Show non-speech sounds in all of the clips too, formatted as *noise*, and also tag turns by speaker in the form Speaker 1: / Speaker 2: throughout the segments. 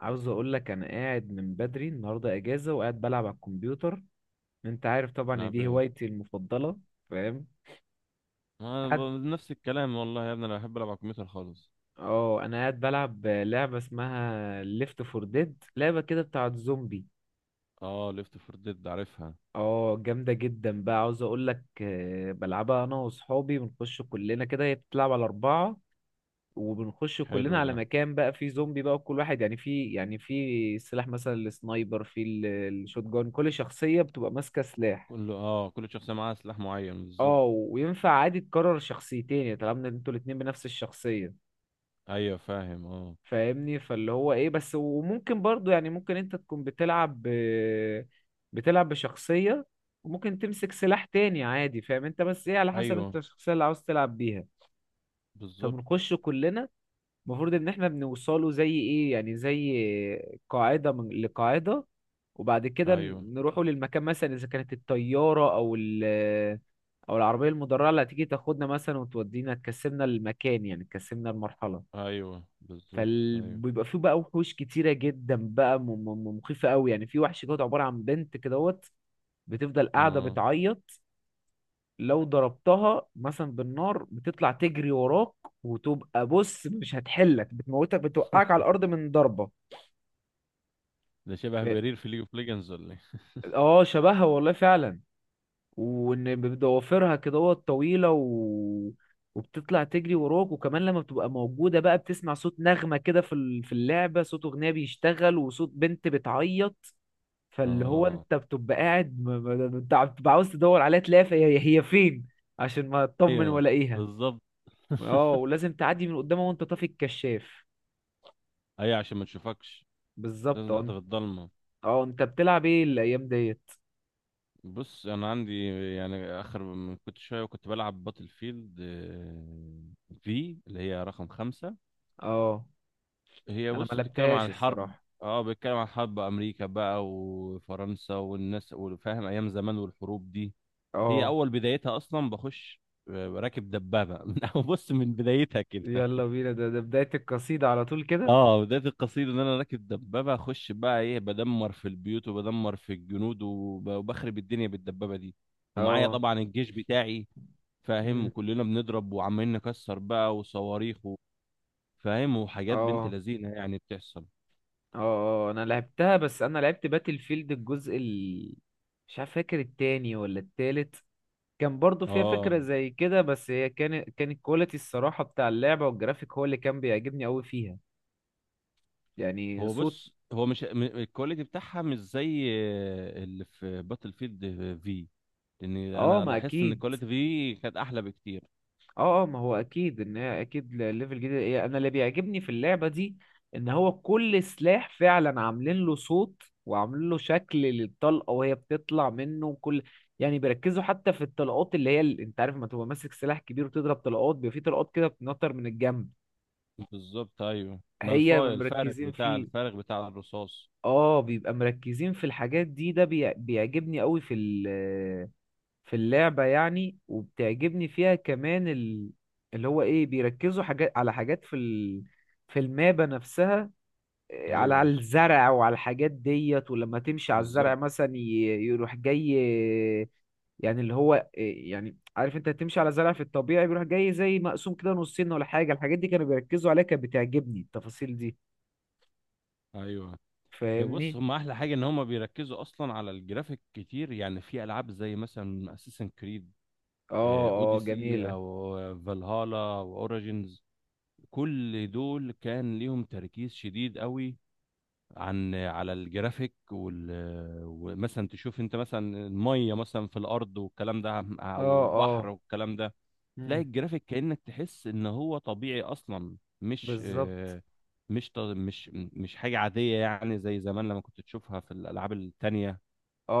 Speaker 1: عاوز اقول لك انا قاعد من بدري النهارده اجازه وقاعد بلعب على الكمبيوتر. انت عارف طبعا ان
Speaker 2: تلعب
Speaker 1: دي
Speaker 2: ايه؟
Speaker 1: هوايتي المفضله. فاهم؟
Speaker 2: ما
Speaker 1: قاعد
Speaker 2: ب- نفس الكلام والله يا ابني، انا بحب العب على الكمبيوتر خالص.
Speaker 1: اه انا قاعد بلعب لعبه اسمها ليفت فور ديد، لعبه كده بتاعه زومبي.
Speaker 2: اه، ليفت فور ديد عارفها.
Speaker 1: اه، جامده جدا بقى. عاوز اقول لك بلعبها انا واصحابي، بنخش كلنا كده، هي بتلعب على اربعه وبنخش
Speaker 2: حلو
Speaker 1: كلنا على
Speaker 2: ده.
Speaker 1: مكان بقى فيه زومبي بقى، وكل واحد يعني في سلاح، مثلا السنايبر، في الشوت جان، كل شخصيه بتبقى ماسكه سلاح.
Speaker 2: كل شخصيه معاها سلاح معين بالظبط.
Speaker 1: اه، وينفع عادي تكرر شخصيتين، يعني طالما إن انتوا الاتنين بنفس الشخصية.
Speaker 2: ايوه فاهم، اه.
Speaker 1: فاهمني؟ فاللي هو ايه بس، وممكن برضو يعني ممكن انت تكون بتلعب بشخصية وممكن تمسك سلاح تاني عادي. فاهم انت؟ بس ايه، على حسب
Speaker 2: ايوه
Speaker 1: انت الشخصية اللي عاوز تلعب بيها.
Speaker 2: بالظبط.
Speaker 1: فبنخش كلنا، المفروض ان احنا بنوصله زي ايه، يعني زي قاعدة من لقاعدة، وبعد كده
Speaker 2: ايوه
Speaker 1: نروحوا للمكان، مثلا اذا كانت الطيارة او العربية المدرعة اللي هتيجي تاخدنا مثلا وتودينا تكسبنا المكان، يعني تكسبنا المرحلة.
Speaker 2: ايوه بالظبط ايوه
Speaker 1: فبيبقى فيه بقى وحوش كتيرة جدا بقى، مخيفة قوي. يعني في وحش دوت عبارة عن بنت كدهوت بتفضل قاعدة
Speaker 2: اه.
Speaker 1: بتعيط، لو ضربتها مثلا بالنار بتطلع تجري وراك، وتبقى بص مش هتحلك، بتموتك، بتوقعك على الارض من ضربه.
Speaker 2: ده شبه
Speaker 1: اه.
Speaker 2: برير في ليج اوف ليجندز ولا ايه؟
Speaker 1: شبهها والله فعلا، وان بضوافرها كده طويله وبتطلع تجري وراك، وكمان لما بتبقى موجوده بقى بتسمع صوت نغمه كده في اللعبه، صوت اغنيه بيشتغل وصوت بنت بتعيط. فاللي هو
Speaker 2: اه.
Speaker 1: انت بتبقى قاعد انت بتبقى عاوز تدور عليها، تلاقيها هي فين عشان ما تطمن
Speaker 2: ايوه
Speaker 1: والاقيها.
Speaker 2: بالظبط.
Speaker 1: اه، ولازم تعدي من قدامه وانت طافي الكشاف.
Speaker 2: ايوه عشان ما تشوفكش،
Speaker 1: بالظبط
Speaker 2: لازم
Speaker 1: اه،
Speaker 2: تعدي
Speaker 1: انت.
Speaker 2: في الضلمه.
Speaker 1: اه، انت بتلعب ايه الايام ديت؟
Speaker 2: بص انا عندي، يعني اخر من كنت شويه وكنت بلعب باتل فيلد، في اللي هي رقم خمسة.
Speaker 1: اه،
Speaker 2: هي
Speaker 1: انا ما
Speaker 2: بص بتتكلم عن
Speaker 1: لعبتهاش
Speaker 2: الحرب،
Speaker 1: الصراحه.
Speaker 2: اه بتتكلم عن حرب امريكا بقى وفرنسا والناس، وفاهم، ايام زمان والحروب دي. هي
Speaker 1: اه.
Speaker 2: اول بدايتها اصلا بخش راكب دبابه *laughs* بص من بدايتها كده.
Speaker 1: يلا بينا، ده بدايه القصيده على طول كده.
Speaker 2: اه بدايه القصيده ان انا راكب دبابه، اخش بقى ايه، بدمر في البيوت وبدمر في الجنود وبخرب الدنيا بالدبابه دي. ومعايا
Speaker 1: اه.
Speaker 2: طبعا الجيش بتاعي، فاهم،
Speaker 1: مم.
Speaker 2: وكلنا بنضرب وعمالين نكسر بقى، وصواريخ فاهم، وحاجات بنت
Speaker 1: اه.
Speaker 2: لذينه يعني بتحصل.
Speaker 1: اه. اه، انا لعبتها، بس انا لعبت باتل فيلد الجزء ال، مش عارف، فاكر التاني ولا التالت. كان برضو فيها
Speaker 2: اه
Speaker 1: فكره زي كده، بس هي كانت، كان الكواليتي الصراحه بتاع اللعبه والجرافيك هو اللي كان بيعجبني قوي فيها. يعني
Speaker 2: هو
Speaker 1: صوت.
Speaker 2: بص هو مش م- الكواليتي بتاعها مش زي اللي في باتل فيلد في. لان
Speaker 1: اه،
Speaker 2: انا
Speaker 1: ما
Speaker 2: لاحظت ان
Speaker 1: اكيد.
Speaker 2: الكواليتي في كانت احلى بكتير.
Speaker 1: اه اه، ما هو اكيد ان هي اكيد ليفل جديد. انا اللي بيعجبني في اللعبه دي ان هو كل سلاح فعلا عاملين له صوت وعاملين له شكل للطلقه وهي بتطلع منه، وكل، يعني بيركزوا حتى في الطلقات اللي هي انت عارف لما تبقى ماسك سلاح كبير وتضرب طلقات بيبقى في طلقات كده بتنطر من الجنب.
Speaker 2: بالظبط، ايوه، ما الف-
Speaker 1: هي
Speaker 2: الفارغ
Speaker 1: مركزين
Speaker 2: بتاع،
Speaker 1: فيه.
Speaker 2: الفارغ بتاع الرصاص.
Speaker 1: اه، بيبقى مركزين في الحاجات دي. ده بيعجبني قوي في في اللعبة يعني. وبتعجبني فيها كمان اللي هو ايه، بيركزوا حاجات على حاجات في في المابة نفسها. على
Speaker 2: ايوه
Speaker 1: على الزرع وعلى الحاجات ديت، ولما تمشي على الزرع
Speaker 2: بالظبط.
Speaker 1: مثلا يروح جاي. يعني اللي هو يعني عارف انت تمشي على زرع في الطبيعي بيروح جاي زي مقسوم كده نصين ولا حاجة، الحاجات دي كانوا بيركزوا عليها، كانت بتعجبني التفاصيل دي.
Speaker 2: ايوه، هي بص
Speaker 1: فاهمني؟
Speaker 2: هم احلى حاجه ان هم بيركزوا اصلا على الجرافيك كتير، يعني في العاب زي مثلا اساسن كريد
Speaker 1: اه اه،
Speaker 2: اوديسي،
Speaker 1: جميلة.
Speaker 2: او فالهالا، واوريجينز. كل دول كان ليهم تركيز شديد قوي، على الجرافيك ومثلا تشوف انت مثلا الميه مثلا في الارض والكلام ده،
Speaker 1: اه
Speaker 2: او بحر
Speaker 1: اه.
Speaker 2: والكلام ده، تلاقي
Speaker 1: مم،
Speaker 2: الجرافيك كأنك تحس ان هو طبيعي اصلا.
Speaker 1: بالظبط.
Speaker 2: مش ط- مش مش حاجه عاديه يعني زي زمان لما كنت تشوفها في الالعاب التانية.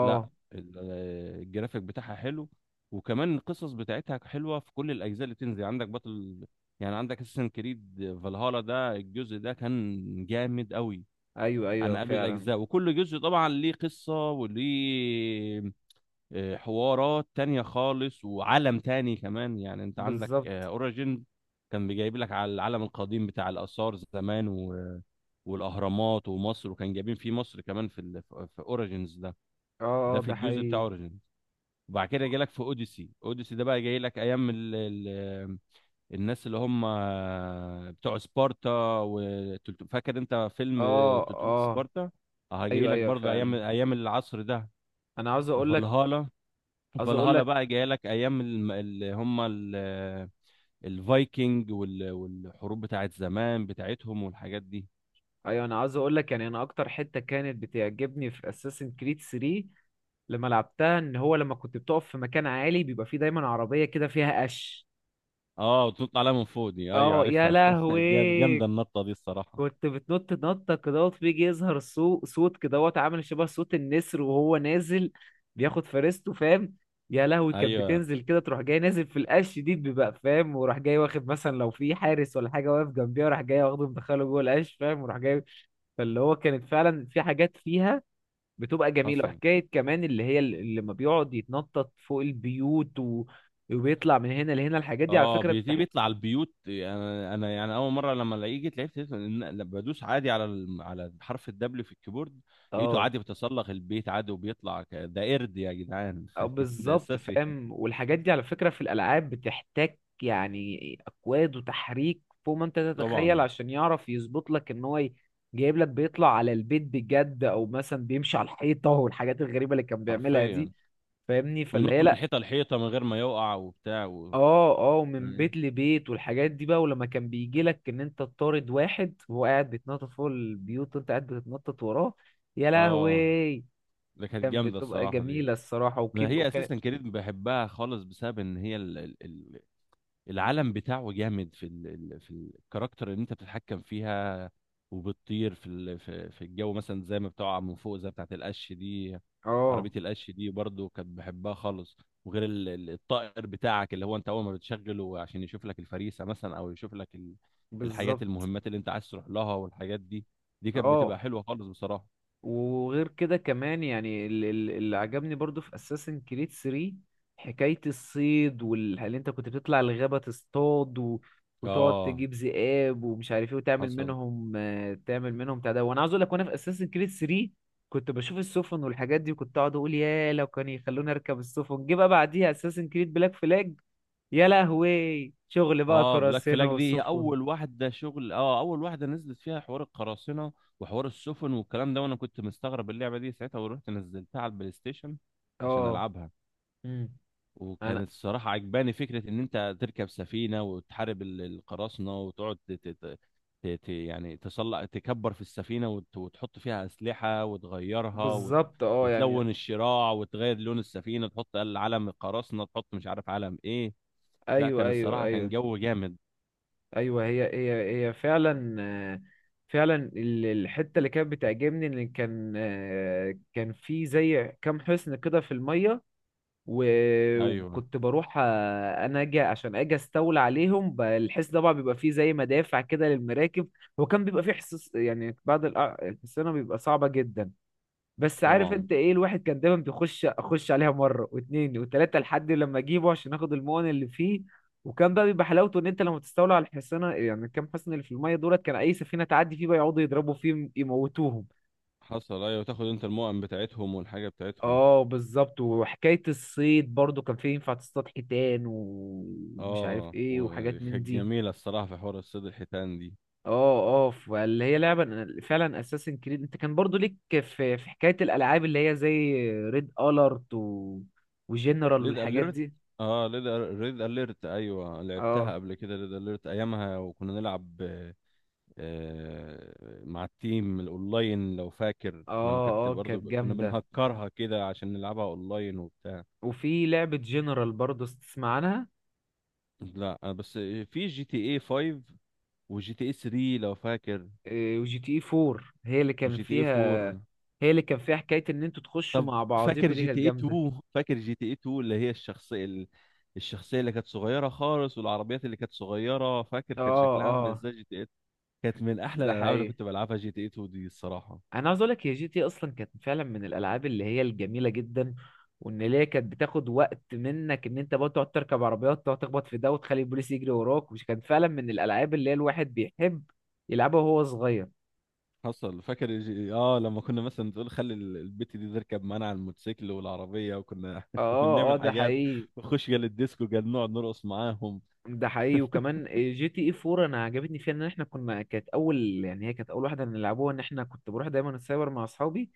Speaker 2: لا، الجرافيك بتاعها حلو، وكمان القصص بتاعتها حلوه في كل الاجزاء اللي بتنزل. عندك بطل، يعني عندك اساسن كريد فالهالا، ده الجزء ده كان جامد قوي
Speaker 1: ايوه ايوه
Speaker 2: عن قبل
Speaker 1: فعلا.
Speaker 2: الأجزاء. وكل جزء طبعا ليه قصة وليه حوارات تانية خالص وعالم تاني كمان. يعني انت عندك
Speaker 1: بالظبط
Speaker 2: اوريجين، كان بيجايب لك على العالم القديم بتاع الآثار زمان والأهرامات ومصر، وكان جايبين فيه مصر كمان في في اوريجينز ده،
Speaker 1: اه
Speaker 2: ده
Speaker 1: اه،
Speaker 2: في
Speaker 1: ده
Speaker 2: الجزء بتاع
Speaker 1: حقيقي.
Speaker 2: اوريجينز. وبعد كده جاي لك في اوديسي. اوديسي ده بقى جاي لك ايام الناس اللي هم بتوع سبارتا، و فاكر انت فيلم
Speaker 1: اه
Speaker 2: 300
Speaker 1: اه،
Speaker 2: سبارتا؟ اه جاي
Speaker 1: ايوه
Speaker 2: لك
Speaker 1: ايوه
Speaker 2: برضه ايام،
Speaker 1: فعلا.
Speaker 2: ايام العصر ده.
Speaker 1: انا عاوز اقول لك.
Speaker 2: فالهالا،
Speaker 1: عاوز اقول
Speaker 2: فالهالا
Speaker 1: لك.
Speaker 2: بقى جاي لك ايام اللي هم الفايكنج والحروب بتاعت زمان بتاعتهم والحاجات دي.
Speaker 1: ايوه، انا عاوز اقول لك يعني انا اكتر حته كانت بتعجبني في اساسن كريد 3 لما لعبتها، ان هو لما كنت بتقف في مكان عالي بيبقى فيه دايما عربيه كده فيها قش.
Speaker 2: اه وتنط عليها من فوق دي، ايوه
Speaker 1: اه، يا
Speaker 2: عارفها *laughs* جامده
Speaker 1: لهوي.
Speaker 2: النطه دي الصراحه.
Speaker 1: كنت بتنط نطة كدهوت بيجي يظهر صوت كدهوت عامل شبه صوت النسر وهو نازل بياخد فريسته، فاهم. يا لهوي، كانت
Speaker 2: ايوه.
Speaker 1: بتنزل كده تروح جاي نازل في القش دي بيبقى فاهم، وراح جاي واخد مثلا لو في حارس ولا حاجة واقف جنبيها وراح جاي واخده مدخله جوه القش فاهم وراح جاي. فاللي هو كانت فعلا في حاجات فيها بتبقى جميلة.
Speaker 2: حصل.
Speaker 1: وحكاية كمان اللي هي لما بيقعد يتنطط فوق البيوت وبيطلع من هنا لهنا، الحاجات دي على
Speaker 2: اه
Speaker 1: فكرة
Speaker 2: بيجي بيطلع البيوت، انا يعني اول مره لما الاقيه جيت لعبت، لقيت لما بدوس عادي على حرف الدبليو في الكيبورد، لقيته
Speaker 1: اه.
Speaker 2: عادي بيتسلق البيت عادي وبيطلع، ده قرد يا جدعان.
Speaker 1: أو
Speaker 2: *laughs* ده
Speaker 1: بالظبط،
Speaker 2: اساسي
Speaker 1: فاهم. والحاجات دي على فكرة في الألعاب بتحتاج يعني أكواد وتحريك فوق ما أنت تتخيل
Speaker 2: طبعا.
Speaker 1: عشان يعرف يظبط لك إن هو جايب لك بيطلع على البيت بجد، أو مثلا بيمشي على الحيطة والحاجات الغريبة اللي كان بيعملها دي.
Speaker 2: حرفيا.
Speaker 1: فاهمني؟ فاللي هي
Speaker 2: وينط من
Speaker 1: لأ.
Speaker 2: حيطه لحيطه من غير ما يقع، وبتاع
Speaker 1: أه أه، من
Speaker 2: يعني.
Speaker 1: بيت لبيت والحاجات دي بقى، ولما كان بيجي لك إن أنت تطارد واحد وهو قاعد بيتنطط فوق البيوت وأنت قاعد بتتنطط وراه، يا
Speaker 2: اه،
Speaker 1: لهوي.
Speaker 2: ده كانت
Speaker 1: كان
Speaker 2: جامده
Speaker 1: بتبقى
Speaker 2: الصراحه دي.
Speaker 1: جميلة الصراحة
Speaker 2: ما
Speaker 1: وكيم
Speaker 2: هي
Speaker 1: وكان.
Speaker 2: اساسا كريد بحبها خالص بسبب ان هي العالم بتاعه جامد في في الكاركتر اللي انت بتتحكم فيها، وبتطير في في الجو مثلا، زي ما بتقع من فوق زي بتاعت القش دي.
Speaker 1: أه،
Speaker 2: عربية القش دي برضو كانت بحبها خالص. وغير الطائر بتاعك، اللي هو انت اول ما بتشغله عشان يشوف لك الفريسة مثلا، او يشوف لك الحاجات
Speaker 1: بالظبط.
Speaker 2: المهمات اللي انت عايز تروح لها والحاجات دي. دي كانت بتبقى
Speaker 1: اه،
Speaker 2: حلوة خالص بصراحة.
Speaker 1: وغير كده كمان يعني اللي عجبني برضو في اساسن كريد 3 حكاية الصيد اللي انت كنت بتطلع الغابة تصطاد وتقعد
Speaker 2: اه.
Speaker 1: تجيب ذئاب ومش عارف ايه، وتعمل
Speaker 2: حصل.
Speaker 1: منهم، تعمل منهم بتاع ده. وانا عاوز اقول لك، وانا في اساسن كريد 3 كنت بشوف السفن والحاجات دي، وكنت اقعد اقول يا لو كان يخلوني اركب السفن. جه بقى بعديها اساسن كريد بلاك فلاج. يا لهوي، شغل بقى
Speaker 2: اه بلاك
Speaker 1: قراصنة
Speaker 2: فلاج دي هي
Speaker 1: وسفن.
Speaker 2: اول واحده شغل، اه اول واحده نزلت فيها حوار القراصنه وحوار السفن والكلام ده، وانا كنت مستغرب اللعبه دي ساعتها، ورحت نزلتها على البلاي ستيشن عشان
Speaker 1: اه.
Speaker 2: العبها.
Speaker 1: امم. انا.
Speaker 2: وكانت الصراحه عجباني فكره ان انت تركب سفينه وتحارب القراصنه، وتقعد يعني تصلع تكبر في السفينه، وتحط فيها اسلحه وتغيرها
Speaker 1: بالظبط اه يعني.
Speaker 2: وتلون الشراع وتغير لون السفينه، تحط علم القراصنه، تحط مش عارف علم ايه. لا
Speaker 1: ايوه
Speaker 2: كان
Speaker 1: ايوه
Speaker 2: الصراحه كان
Speaker 1: ايوه.
Speaker 2: جو جامد.
Speaker 1: ايوه، هي فعلا. آه، فعلا الحته اللي كانت بتعجبني ان كان كان في زي كام حصن كده في الميه،
Speaker 2: ايوه
Speaker 1: وكنت بروح انا اجي عشان اجي استولى عليهم. الحصن طبعا بيبقى فيه زي مدافع كده للمراكب. هو كان بيبقى فيه حصص، يعني بعض الحصانه بيبقى صعبه جدا، بس عارف
Speaker 2: طبعا.
Speaker 1: انت ايه، الواحد كان دايما بيخش اخش عليها مره واتنين وتلاته لحد لما اجيبه عشان اخد المؤن اللي فيه. وكان بقى بيبقى حلاوته ان انت لما تستولى على الحصانه، يعني كام حصن اللي في الميه دولت، كان اي سفينه تعدي فيه بقى يقعدوا يضربوا فيه يموتوهم.
Speaker 2: حصل ايوه، تاخد انت المؤن بتاعتهم والحاجه بتاعتهم.
Speaker 1: اه بالظبط. وحكايه الصيد برضو كان فيه ينفع تصطاد حيتان ومش عارف
Speaker 2: اه،
Speaker 1: ايه وحاجات من
Speaker 2: وكانت
Speaker 1: دي.
Speaker 2: جميله الصراحه في حوار الصيد، الحيتان دي.
Speaker 1: اه اه. فاللي هي لعبه، أنا فعلا اساسن كريد. انت كان برضو ليك في في حكايه الالعاب اللي هي زي ريد الارت وجنرال
Speaker 2: ليد
Speaker 1: والحاجات
Speaker 2: اليرت،
Speaker 1: دي.
Speaker 2: اه ليد ريد اليرت، ايوه
Speaker 1: اه
Speaker 2: لعبتها قبل كده ليد اليرت ايامها، وكنا نلعب آه، مع التيم الاونلاين لو فاكر، لما كانت
Speaker 1: اه. اه، كانت
Speaker 2: برضه كنا
Speaker 1: جامدة.
Speaker 2: بنهكرها كده عشان نلعبها اونلاين وبتاع.
Speaker 1: وفي لعبة جنرال برضه تسمع عنها؟
Speaker 2: لا أنا بس في جي تي اي 5 وجي تي اي 3 لو فاكر،
Speaker 1: وجي تي اي 4 هي اللي كان
Speaker 2: وجي تي اي
Speaker 1: فيها،
Speaker 2: 4.
Speaker 1: هي اللي كان فيها حكاية ان انتوا تخشوا
Speaker 2: طب
Speaker 1: مع
Speaker 2: فاكر
Speaker 1: بعضيكوا، دي
Speaker 2: جي
Speaker 1: كانت
Speaker 2: تي اي
Speaker 1: جامدة.
Speaker 2: 2؟ فاكر جي تي اي 2 اللي هي الشخصية الشخصية اللي كانت صغيرة خالص، والعربيات اللي كانت صغيرة؟ فاكر كان
Speaker 1: اه
Speaker 2: شكلها عامل
Speaker 1: اه،
Speaker 2: ازاي جي تي اي؟ كانت من احلى
Speaker 1: ده
Speaker 2: الالعاب اللي
Speaker 1: حقيقي.
Speaker 2: كنت بلعبها جي تي اي 2 دي الصراحة.
Speaker 1: انا عاوز اقولك، هي جي تي إيه اصلا كانت فعلا من الالعاب اللي هي الجميلة جدا، وان هي كانت بتاخد وقت منك ان انت بقى تقعد تركب عربيات، تقعد تخبط في ده وتخلي البوليس يجري وراك، مش كانت فعلا من الالعاب اللي هي الواحد بيحب يلعبها وهو صغير.
Speaker 2: حصل. فاكر اه لما كنا مثلا تقول خلي البت دي تركب معانا على الموتوسيكل والعربية، وكنا
Speaker 1: اه
Speaker 2: *laughs* كنا
Speaker 1: اه.
Speaker 2: بنعمل
Speaker 1: ده
Speaker 2: حاجات،
Speaker 1: حقيقي.
Speaker 2: ونخش جال الديسكو، جال نقعد نرقص معاهم.
Speaker 1: ده حقيقي. وكمان جي تي اي 4 انا عجبتني فيها ان احنا كنا، كانت اول، يعني هي كانت اول واحده نلعبوها ان احنا كنت بروح دايما السايبر مع اصحابي،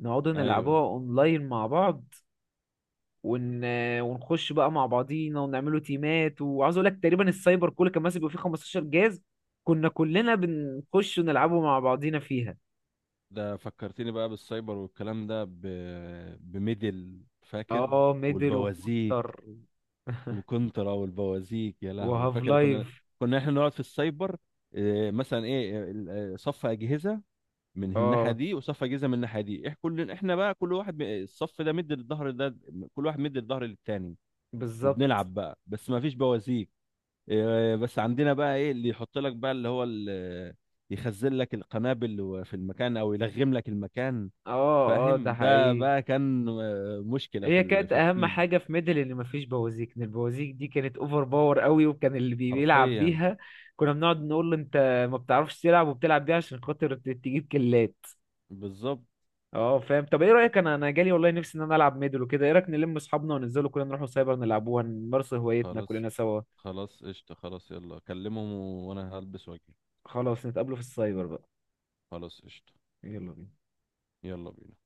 Speaker 1: نقعد
Speaker 2: ايوه
Speaker 1: نلعبوها اونلاين مع بعض ون... آه، ونخش بقى مع بعضينا ونعملوا تيمات. وعاوز اقول لك تقريبا السايبر كله كان ماسك، بيبقى فيه 15 جهاز كنا كلنا بنخش ونلعبه مع بعضينا فيها.
Speaker 2: ده فكرتني بقى بالسايبر والكلام ده بميدل، فاكر؟
Speaker 1: اه، ميدل
Speaker 2: والبوازيك،
Speaker 1: وكونتر
Speaker 2: وكنترا والبوازيك، يا لهوي
Speaker 1: وهاف
Speaker 2: فاكر؟ كنا
Speaker 1: لايف.
Speaker 2: كنا احنا نقعد في السايبر، مثلا ايه صف اجهزه من الناحيه
Speaker 1: اه
Speaker 2: دي، وصف اجهزه من الناحيه دي، احنا كل احنا بقى كل واحد الصف ده مد الظهر ده، كل واحد مد الظهر للتاني،
Speaker 1: بالظبط.
Speaker 2: وبنلعب بقى. بس ما فيش بوازيك، بس عندنا بقى ايه اللي يحط لك بقى اللي هو يخزن لك القنابل في المكان، او يلغم لك المكان،
Speaker 1: اه اه، ده
Speaker 2: فاهم. ده
Speaker 1: حقيقي.
Speaker 2: بقى كان مشكله في
Speaker 1: هي كانت
Speaker 2: في
Speaker 1: اهم
Speaker 2: التيم.
Speaker 1: حاجه في ميدل ان مفيش بوازيك، ان البوازيك دي كانت اوفر باور قوي، وكان اللي بيلعب
Speaker 2: حرفيا.
Speaker 1: بيها كنا بنقعد نقول له: انت ما بتعرفش تلعب وبتلعب بيها عشان خاطر تجيب كلات.
Speaker 2: بالظبط.
Speaker 1: اه فاهم. طب ايه رايك، انا جالي والله نفسي ان انا العب ميدل وكده، ايه رايك نلم اصحابنا وننزلوا كلنا نروحوا سايبر نلعبوها نمارسوا هوايتنا
Speaker 2: خلاص،
Speaker 1: كلنا سوا.
Speaker 2: خلاص قشطة. خلاص يلا كلمهم وانا هلبس واجي.
Speaker 1: خلاص، نتقابلوا في السايبر بقى.
Speaker 2: خلاص قشطة.
Speaker 1: يلا بينا.
Speaker 2: يلا بينا.